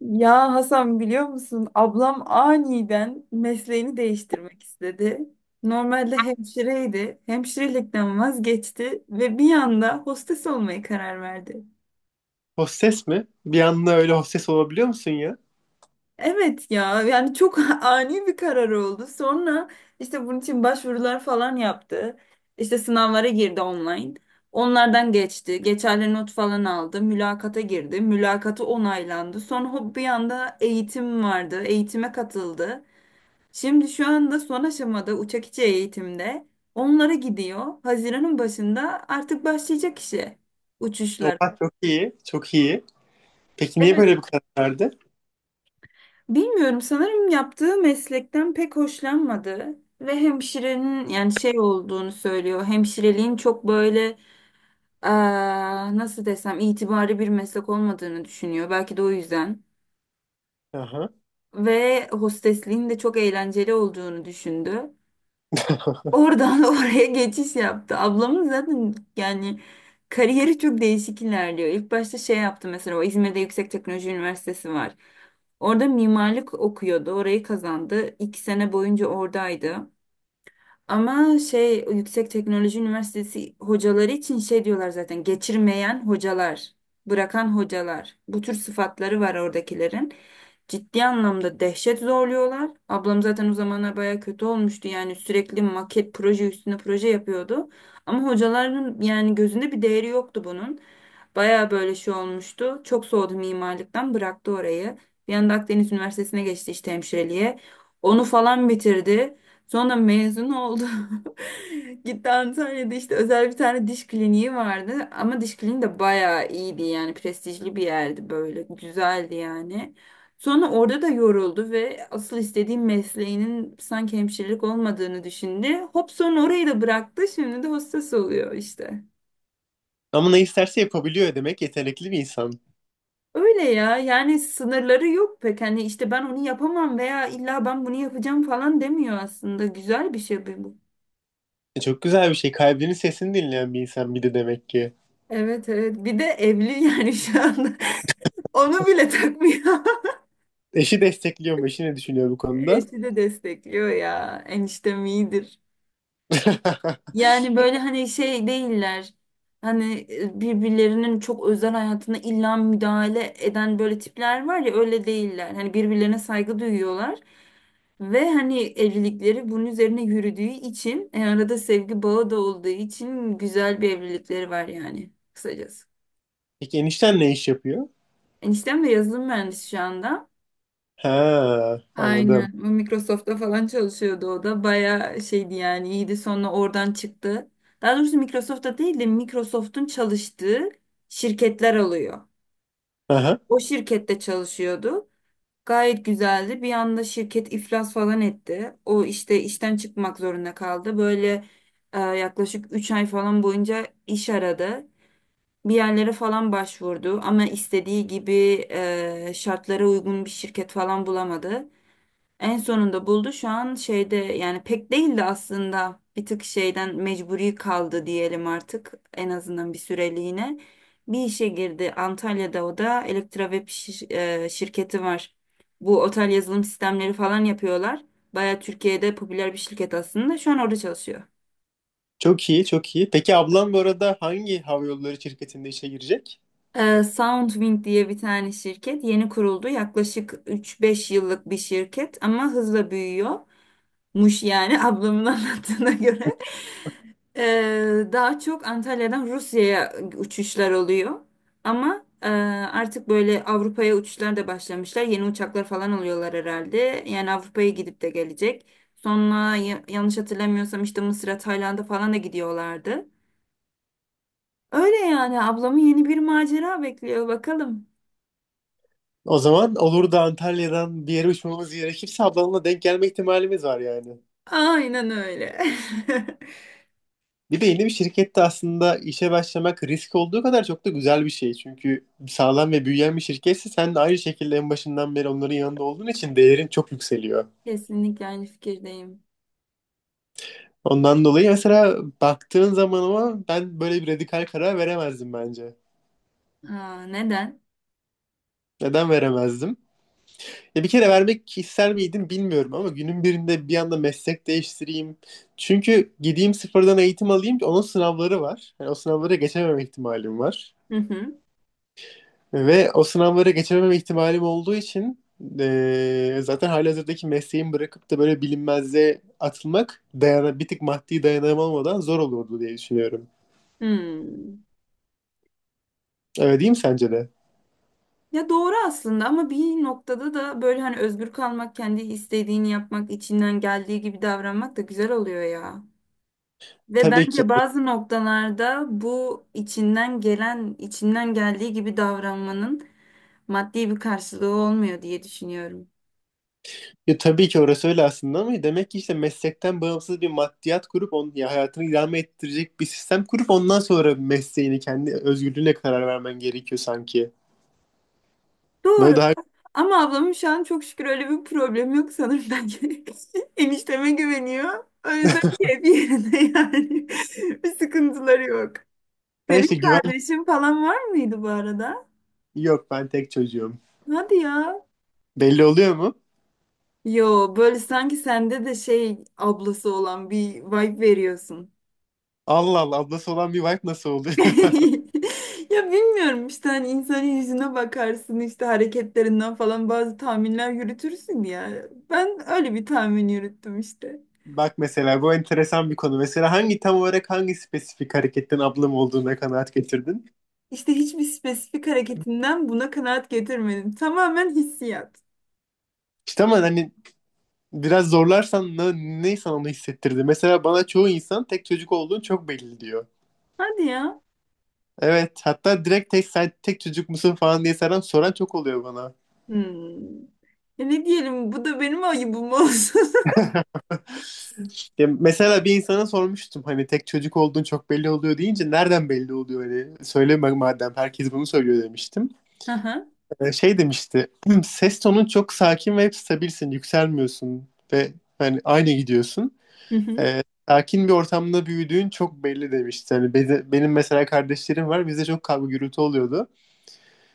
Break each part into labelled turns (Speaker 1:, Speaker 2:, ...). Speaker 1: Ya Hasan biliyor musun? Ablam aniden mesleğini değiştirmek istedi. Normalde hemşireydi. Hemşirelikten vazgeçti ve bir anda hostes olmaya karar verdi.
Speaker 2: Hostes mi? Bir anda öyle hostes olabiliyor musun ya?
Speaker 1: Evet ya yani çok ani bir karar oldu. Sonra işte bunun için başvurular falan yaptı. İşte sınavlara girdi online. Onlardan geçti. Geçerli not falan aldı. Mülakata girdi. Mülakatı onaylandı. Sonra hop bir anda eğitim vardı. Eğitime katıldı. Şimdi şu anda son aşamada uçak içi eğitimde onlara gidiyor. Haziran'ın başında artık başlayacak işe uçuşlar.
Speaker 2: Oha çok iyi, çok iyi. Peki niye
Speaker 1: Evet,
Speaker 2: böyle bir karar verdi?
Speaker 1: bilmiyorum sanırım yaptığı meslekten pek hoşlanmadı ve hemşirenin yani şey olduğunu söylüyor. Hemşireliğin çok böyle eee, nasıl desem itibarlı bir meslek olmadığını düşünüyor. Belki de o yüzden.
Speaker 2: Aha.
Speaker 1: Ve hostesliğin de çok eğlenceli olduğunu düşündü. Oradan oraya geçiş yaptı. Ablamın zaten yani kariyeri çok değişik ilerliyor. İlk başta şey yaptı mesela o İzmir'de Yüksek Teknoloji Üniversitesi var. Orada mimarlık okuyordu. Orayı kazandı. İki sene boyunca oradaydı. Ama şey Yüksek Teknoloji Üniversitesi hocaları için şey diyorlar zaten geçirmeyen hocalar, bırakan hocalar. Bu tür sıfatları var oradakilerin. Ciddi anlamda dehşet zorluyorlar. Ablam zaten o zamanlar baya kötü olmuştu. Yani sürekli maket proje üstüne proje yapıyordu. Ama hocaların yani gözünde bir değeri yoktu bunun. Baya böyle şey olmuştu. Çok soğudu mimarlıktan bıraktı orayı. Bir anda Akdeniz Üniversitesi'ne geçti işte hemşireliğe. Onu falan bitirdi. Sonra mezun oldu. Gitti Antalya'da işte özel bir tane diş kliniği vardı. Ama diş kliniği de bayağı iyiydi yani prestijli bir yerdi böyle. Güzeldi yani. Sonra orada da yoruldu ve asıl istediğim mesleğinin sanki hemşirelik olmadığını düşündü. Hop sonra orayı da bıraktı. Şimdi de hostes oluyor işte.
Speaker 2: Ama ne isterse yapabiliyor demek, yetenekli bir insan.
Speaker 1: Öyle ya yani sınırları yok pek. Hani işte ben onu yapamam veya illa ben bunu yapacağım falan demiyor aslında. Güzel bir şey bu.
Speaker 2: E, çok güzel bir şey. Kalbinin sesini dinleyen bir insan bir de demek ki.
Speaker 1: Evet evet, bir de evli yani şu anda onu bile takmıyor.
Speaker 2: Eşi destekliyor mu? Eşi ne düşünüyor bu konuda?
Speaker 1: Eşi de destekliyor ya eniştem iyidir. Yani böyle hani şey değiller hani birbirlerinin çok özel hayatına illa müdahale eden böyle tipler var ya öyle değiller. Hani birbirlerine saygı duyuyorlar ve hani evlilikleri bunun üzerine yürüdüğü için arada sevgi bağı da olduğu için güzel bir evlilikleri var yani kısacası.
Speaker 2: Peki enişten ne iş yapıyor?
Speaker 1: Eniştem de yazılım mühendisi şu anda.
Speaker 2: Ha, anladım.
Speaker 1: Aynen. O Microsoft'ta falan çalışıyordu o da. Bayağı şeydi yani iyiydi. Sonra oradan çıktı. Daha doğrusu Microsoft'ta değil de Microsoft'un çalıştığı şirketler oluyor.
Speaker 2: Aha.
Speaker 1: O şirkette çalışıyordu. Gayet güzeldi. Bir anda şirket iflas falan etti. O işte işten çıkmak zorunda kaldı. Böyle yaklaşık 3 ay falan boyunca iş aradı. Bir yerlere falan başvurdu ama istediği gibi şartlara uygun bir şirket falan bulamadı. En sonunda buldu. Şu an şeyde yani pek değildi aslında. Bir tık şeyden mecburi kaldı diyelim artık. En azından bir süreliğine. Bir işe girdi. Antalya'da o da şirketi var. Bu otel yazılım sistemleri falan yapıyorlar. Baya Türkiye'de popüler bir şirket aslında. Şu an orada çalışıyor.
Speaker 2: Çok iyi, çok iyi. Peki ablam bu arada hangi hava yolları şirketinde işe girecek?
Speaker 1: Soundwing diye bir tane şirket yeni kuruldu. Yaklaşık 3-5 yıllık bir şirket ama hızla büyüyor muş yani ablamın anlattığına göre. Daha çok Antalya'dan Rusya'ya uçuşlar oluyor. Ama artık böyle Avrupa'ya uçuşlar da başlamışlar. Yeni uçaklar falan alıyorlar herhalde. Yani Avrupa'ya gidip de gelecek. Sonra yanlış hatırlamıyorsam işte Mısır'a, Tayland'a falan da gidiyorlardı. Öyle yani ablamı yeni bir macera bekliyor bakalım.
Speaker 2: O zaman olur da Antalya'dan bir yere uçmamız gerekirse ablanla denk gelme ihtimalimiz var yani.
Speaker 1: Aynen öyle.
Speaker 2: Bir de yeni bir şirkette aslında işe başlamak risk olduğu kadar çok da güzel bir şey. Çünkü sağlam ve büyüyen bir şirketse sen de aynı şekilde en başından beri onların yanında olduğun için değerin çok yükseliyor.
Speaker 1: Kesinlikle aynı fikirdeyim.
Speaker 2: Ondan dolayı mesela baktığın zaman, ama ben böyle bir radikal karar veremezdim bence.
Speaker 1: Ha, neden?
Speaker 2: Neden veremezdim? Ya bir kere vermek ister miydim bilmiyorum, ama günün birinde bir anda meslek değiştireyim. Çünkü gideyim sıfırdan eğitim alayım, onun sınavları var. Yani o sınavlara geçememe ihtimalim var.
Speaker 1: Hı hı.
Speaker 2: Ve o sınavlara geçememe ihtimalim olduğu için zaten halihazırdaki mesleğimi bırakıp da böyle bilinmezliğe atılmak dayana, bir tık maddi dayanamam olmadan zor olurdu diye düşünüyorum.
Speaker 1: Hmm.
Speaker 2: Öyle değil mi sence de?
Speaker 1: Ya doğru aslında ama bir noktada da böyle hani özgür kalmak, kendi istediğini yapmak, içinden geldiği gibi davranmak da güzel oluyor ya. Ve
Speaker 2: Tabii ki.
Speaker 1: bence bazı noktalarda bu içinden gelen, içinden geldiği gibi davranmanın maddi bir karşılığı olmuyor diye düşünüyorum.
Speaker 2: Ya tabii ki orası öyle aslında, ama demek ki işte meslekten bağımsız bir maddiyat kurup onun ya hayatını idame ettirecek bir sistem kurup ondan sonra mesleğini kendi özgürlüğüne karar vermen gerekiyor sanki. Böyle
Speaker 1: Doğru.
Speaker 2: daha.
Speaker 1: Ama ablamın şu an çok şükür öyle bir problem yok sanırım bence. Enişteme güveniyor. O yüzden keyfi yerinde yani. Bir sıkıntıları yok.
Speaker 2: Ha, işte
Speaker 1: Senin
Speaker 2: güven.
Speaker 1: kardeşin falan var mıydı bu arada?
Speaker 2: Yok, ben tek çocuğum.
Speaker 1: Hadi ya.
Speaker 2: Belli oluyor mu?
Speaker 1: Yo böyle sanki sende de şey ablası olan bir vibe veriyorsun.
Speaker 2: Allah Allah, ablası olan bir wife nasıl oluyor?
Speaker 1: Ya bilmiyorum işte hani insanın yüzüne bakarsın işte hareketlerinden falan bazı tahminler yürütürsün ya. Ben öyle bir tahmin yürüttüm işte.
Speaker 2: Bak mesela, bu enteresan bir konu. Mesela hangi, tam olarak hangi spesifik hareketten ablam olduğuna kanaat getirdin?
Speaker 1: İşte hiçbir spesifik hareketinden buna kanaat getirmedim. Tamamen hissiyat.
Speaker 2: İşte ama hani biraz zorlarsan ne, ne sana onu hissettirdi? Mesela bana çoğu insan tek çocuk olduğun çok belli diyor.
Speaker 1: Hadi ya.
Speaker 2: Evet, hatta direkt tek sen tek çocuk musun falan diye soran çok oluyor bana.
Speaker 1: Hmm. E ne diyelim bu da benim ayıbım olsun.
Speaker 2: Ya mesela bir insana sormuştum, hani tek çocuk olduğun çok belli oluyor deyince, nereden belli oluyor, hani söyleme madem herkes bunu söylüyor demiştim.
Speaker 1: Aha.
Speaker 2: Şey demişti, "Hmm, ses tonun çok sakin ve hep stabilsin, yükselmiyorsun ve hani aynı gidiyorsun.
Speaker 1: Hı hı.
Speaker 2: Ee, sakin bir ortamda büyüdüğün çok belli" demişti. Hani benim mesela kardeşlerim var, bizde çok kavga gürültü oluyordu.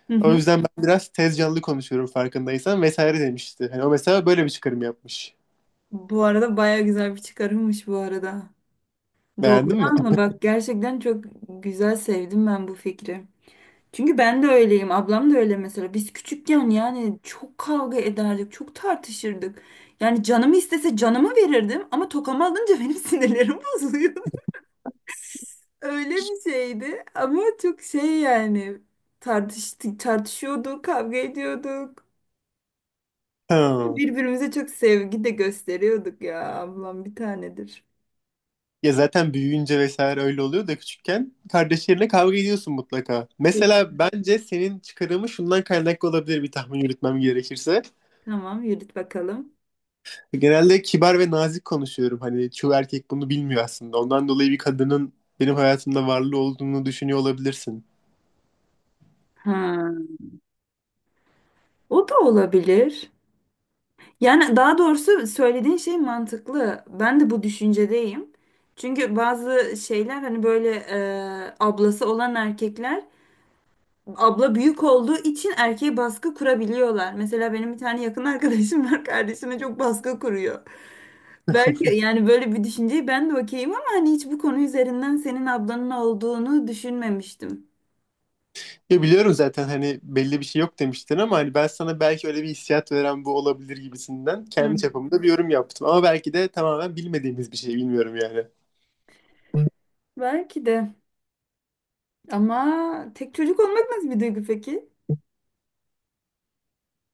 Speaker 1: Hı
Speaker 2: O
Speaker 1: hı.
Speaker 2: yüzden ben biraz tez canlı konuşuyorum, farkındaysan vesaire demişti. Hani o mesela böyle bir çıkarım yapmış.
Speaker 1: Bu arada baya güzel bir çıkarımmış bu arada. Doğru
Speaker 2: Beğendin mi?
Speaker 1: ama bak gerçekten çok güzel sevdim ben bu fikri. Çünkü ben de öyleyim. Ablam da öyle mesela. Biz küçükken yani çok kavga ederdik, çok tartışırdık. Yani canımı istese canımı verirdim ama tokamı alınca benim sinirlerim bozuluyordu. Öyle bir şeydi ama çok şey yani tartıştık, tartışıyorduk, kavga ediyorduk.
Speaker 2: Ha.
Speaker 1: Birbirimize çok sevgi de gösteriyorduk ya. Ablam bir tanedir.
Speaker 2: Ya zaten büyüyünce vesaire öyle oluyor da, küçükken kardeşlerine kavga ediyorsun mutlaka.
Speaker 1: Ke-
Speaker 2: Mesela bence senin çıkarımı şundan kaynaklı olabilir, bir tahmin yürütmem gerekirse.
Speaker 1: Tamam yürüt bakalım.
Speaker 2: Genelde kibar ve nazik konuşuyorum. Hani çoğu erkek bunu bilmiyor aslında. Ondan dolayı bir kadının benim hayatımda varlığı olduğunu düşünüyor olabilirsin.
Speaker 1: Ha, o da olabilir. Yani daha doğrusu söylediğin şey mantıklı. Ben de bu düşüncedeyim. Çünkü bazı şeyler hani böyle ablası olan erkekler abla büyük olduğu için erkeğe baskı kurabiliyorlar. Mesela benim bir tane yakın arkadaşım var kardeşime çok baskı kuruyor. Belki yani böyle bir düşünceyi ben de okeyim ama hani hiç bu konu üzerinden senin ablanın olduğunu düşünmemiştim.
Speaker 2: Ya biliyorum zaten, hani belli bir şey yok demiştin, ama hani ben sana belki öyle bir hissiyat veren bu olabilir gibisinden kendi
Speaker 1: Hmm.
Speaker 2: çapımda bir yorum yaptım. Ama belki de tamamen bilmediğimiz bir şey, bilmiyorum yani.
Speaker 1: Belki de ama tek çocuk olmak nasıl bir duygu peki?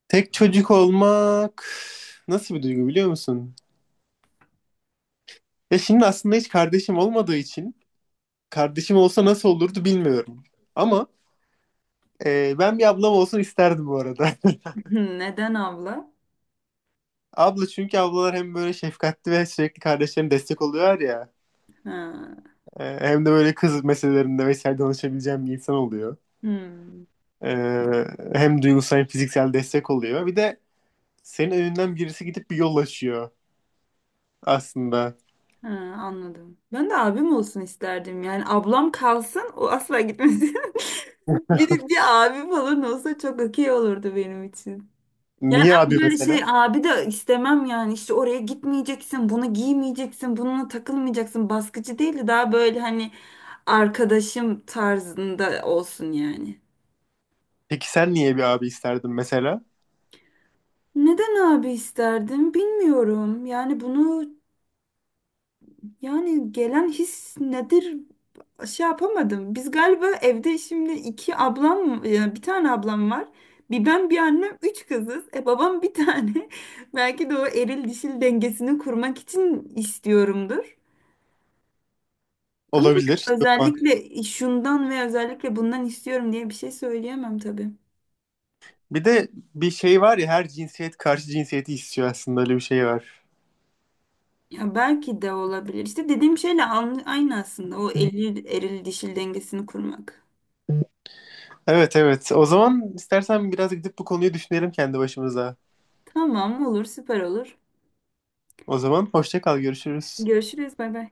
Speaker 2: Tek çocuk olmak nasıl bir duygu biliyor musun? Ya şimdi aslında hiç kardeşim olmadığı için kardeşim olsa nasıl olurdu bilmiyorum. Ama e, ben bir ablam olsun isterdim bu arada.
Speaker 1: Neden abla?
Speaker 2: Abla, çünkü ablalar hem böyle şefkatli ve sürekli kardeşlerine destek oluyor ya.
Speaker 1: Ha.
Speaker 2: E, hem de böyle kız meselelerinde vesaire danışabileceğim bir insan oluyor.
Speaker 1: Hmm.
Speaker 2: Ee, hem duygusal hem fiziksel destek oluyor. Bir de senin önünden birisi gidip bir yol açıyor aslında.
Speaker 1: Ha, anladım. Ben de abim olsun isterdim. Yani ablam kalsın, o asla gitmesin. Bir abi falan olsa çok okey olurdu benim için. Yani
Speaker 2: Niye
Speaker 1: ama
Speaker 2: abi
Speaker 1: böyle şey
Speaker 2: mesela?
Speaker 1: abi de istemem yani işte oraya gitmeyeceksin, bunu giymeyeceksin, bununla takılmayacaksın. Baskıcı değil de daha böyle hani arkadaşım tarzında olsun yani.
Speaker 2: Peki sen niye bir abi isterdin mesela?
Speaker 1: Neden abi isterdim bilmiyorum. Yani bunu yani gelen his nedir şey yapamadım. Biz galiba evde şimdi iki ablam, bir tane ablam var. Bir ben bir annem üç kızız. E babam bir tane. Belki de o eril dişil dengesini kurmak için istiyorumdur. Ama
Speaker 2: Olabilir. Çok mantıklı.
Speaker 1: özellikle şundan ve özellikle bundan istiyorum diye bir şey söyleyemem tabii.
Speaker 2: Bir de bir şey var ya, her cinsiyet karşı cinsiyeti istiyor, aslında öyle bir şey var.
Speaker 1: Ya belki de olabilir. İşte dediğim şeyle aynı aslında o eril dişil dengesini kurmak.
Speaker 2: Evet, evet. O zaman istersen biraz gidip bu konuyu düşünelim kendi başımıza.
Speaker 1: Tamam olur süper olur.
Speaker 2: O zaman hoşça kal, görüşürüz.
Speaker 1: Görüşürüz bay bay.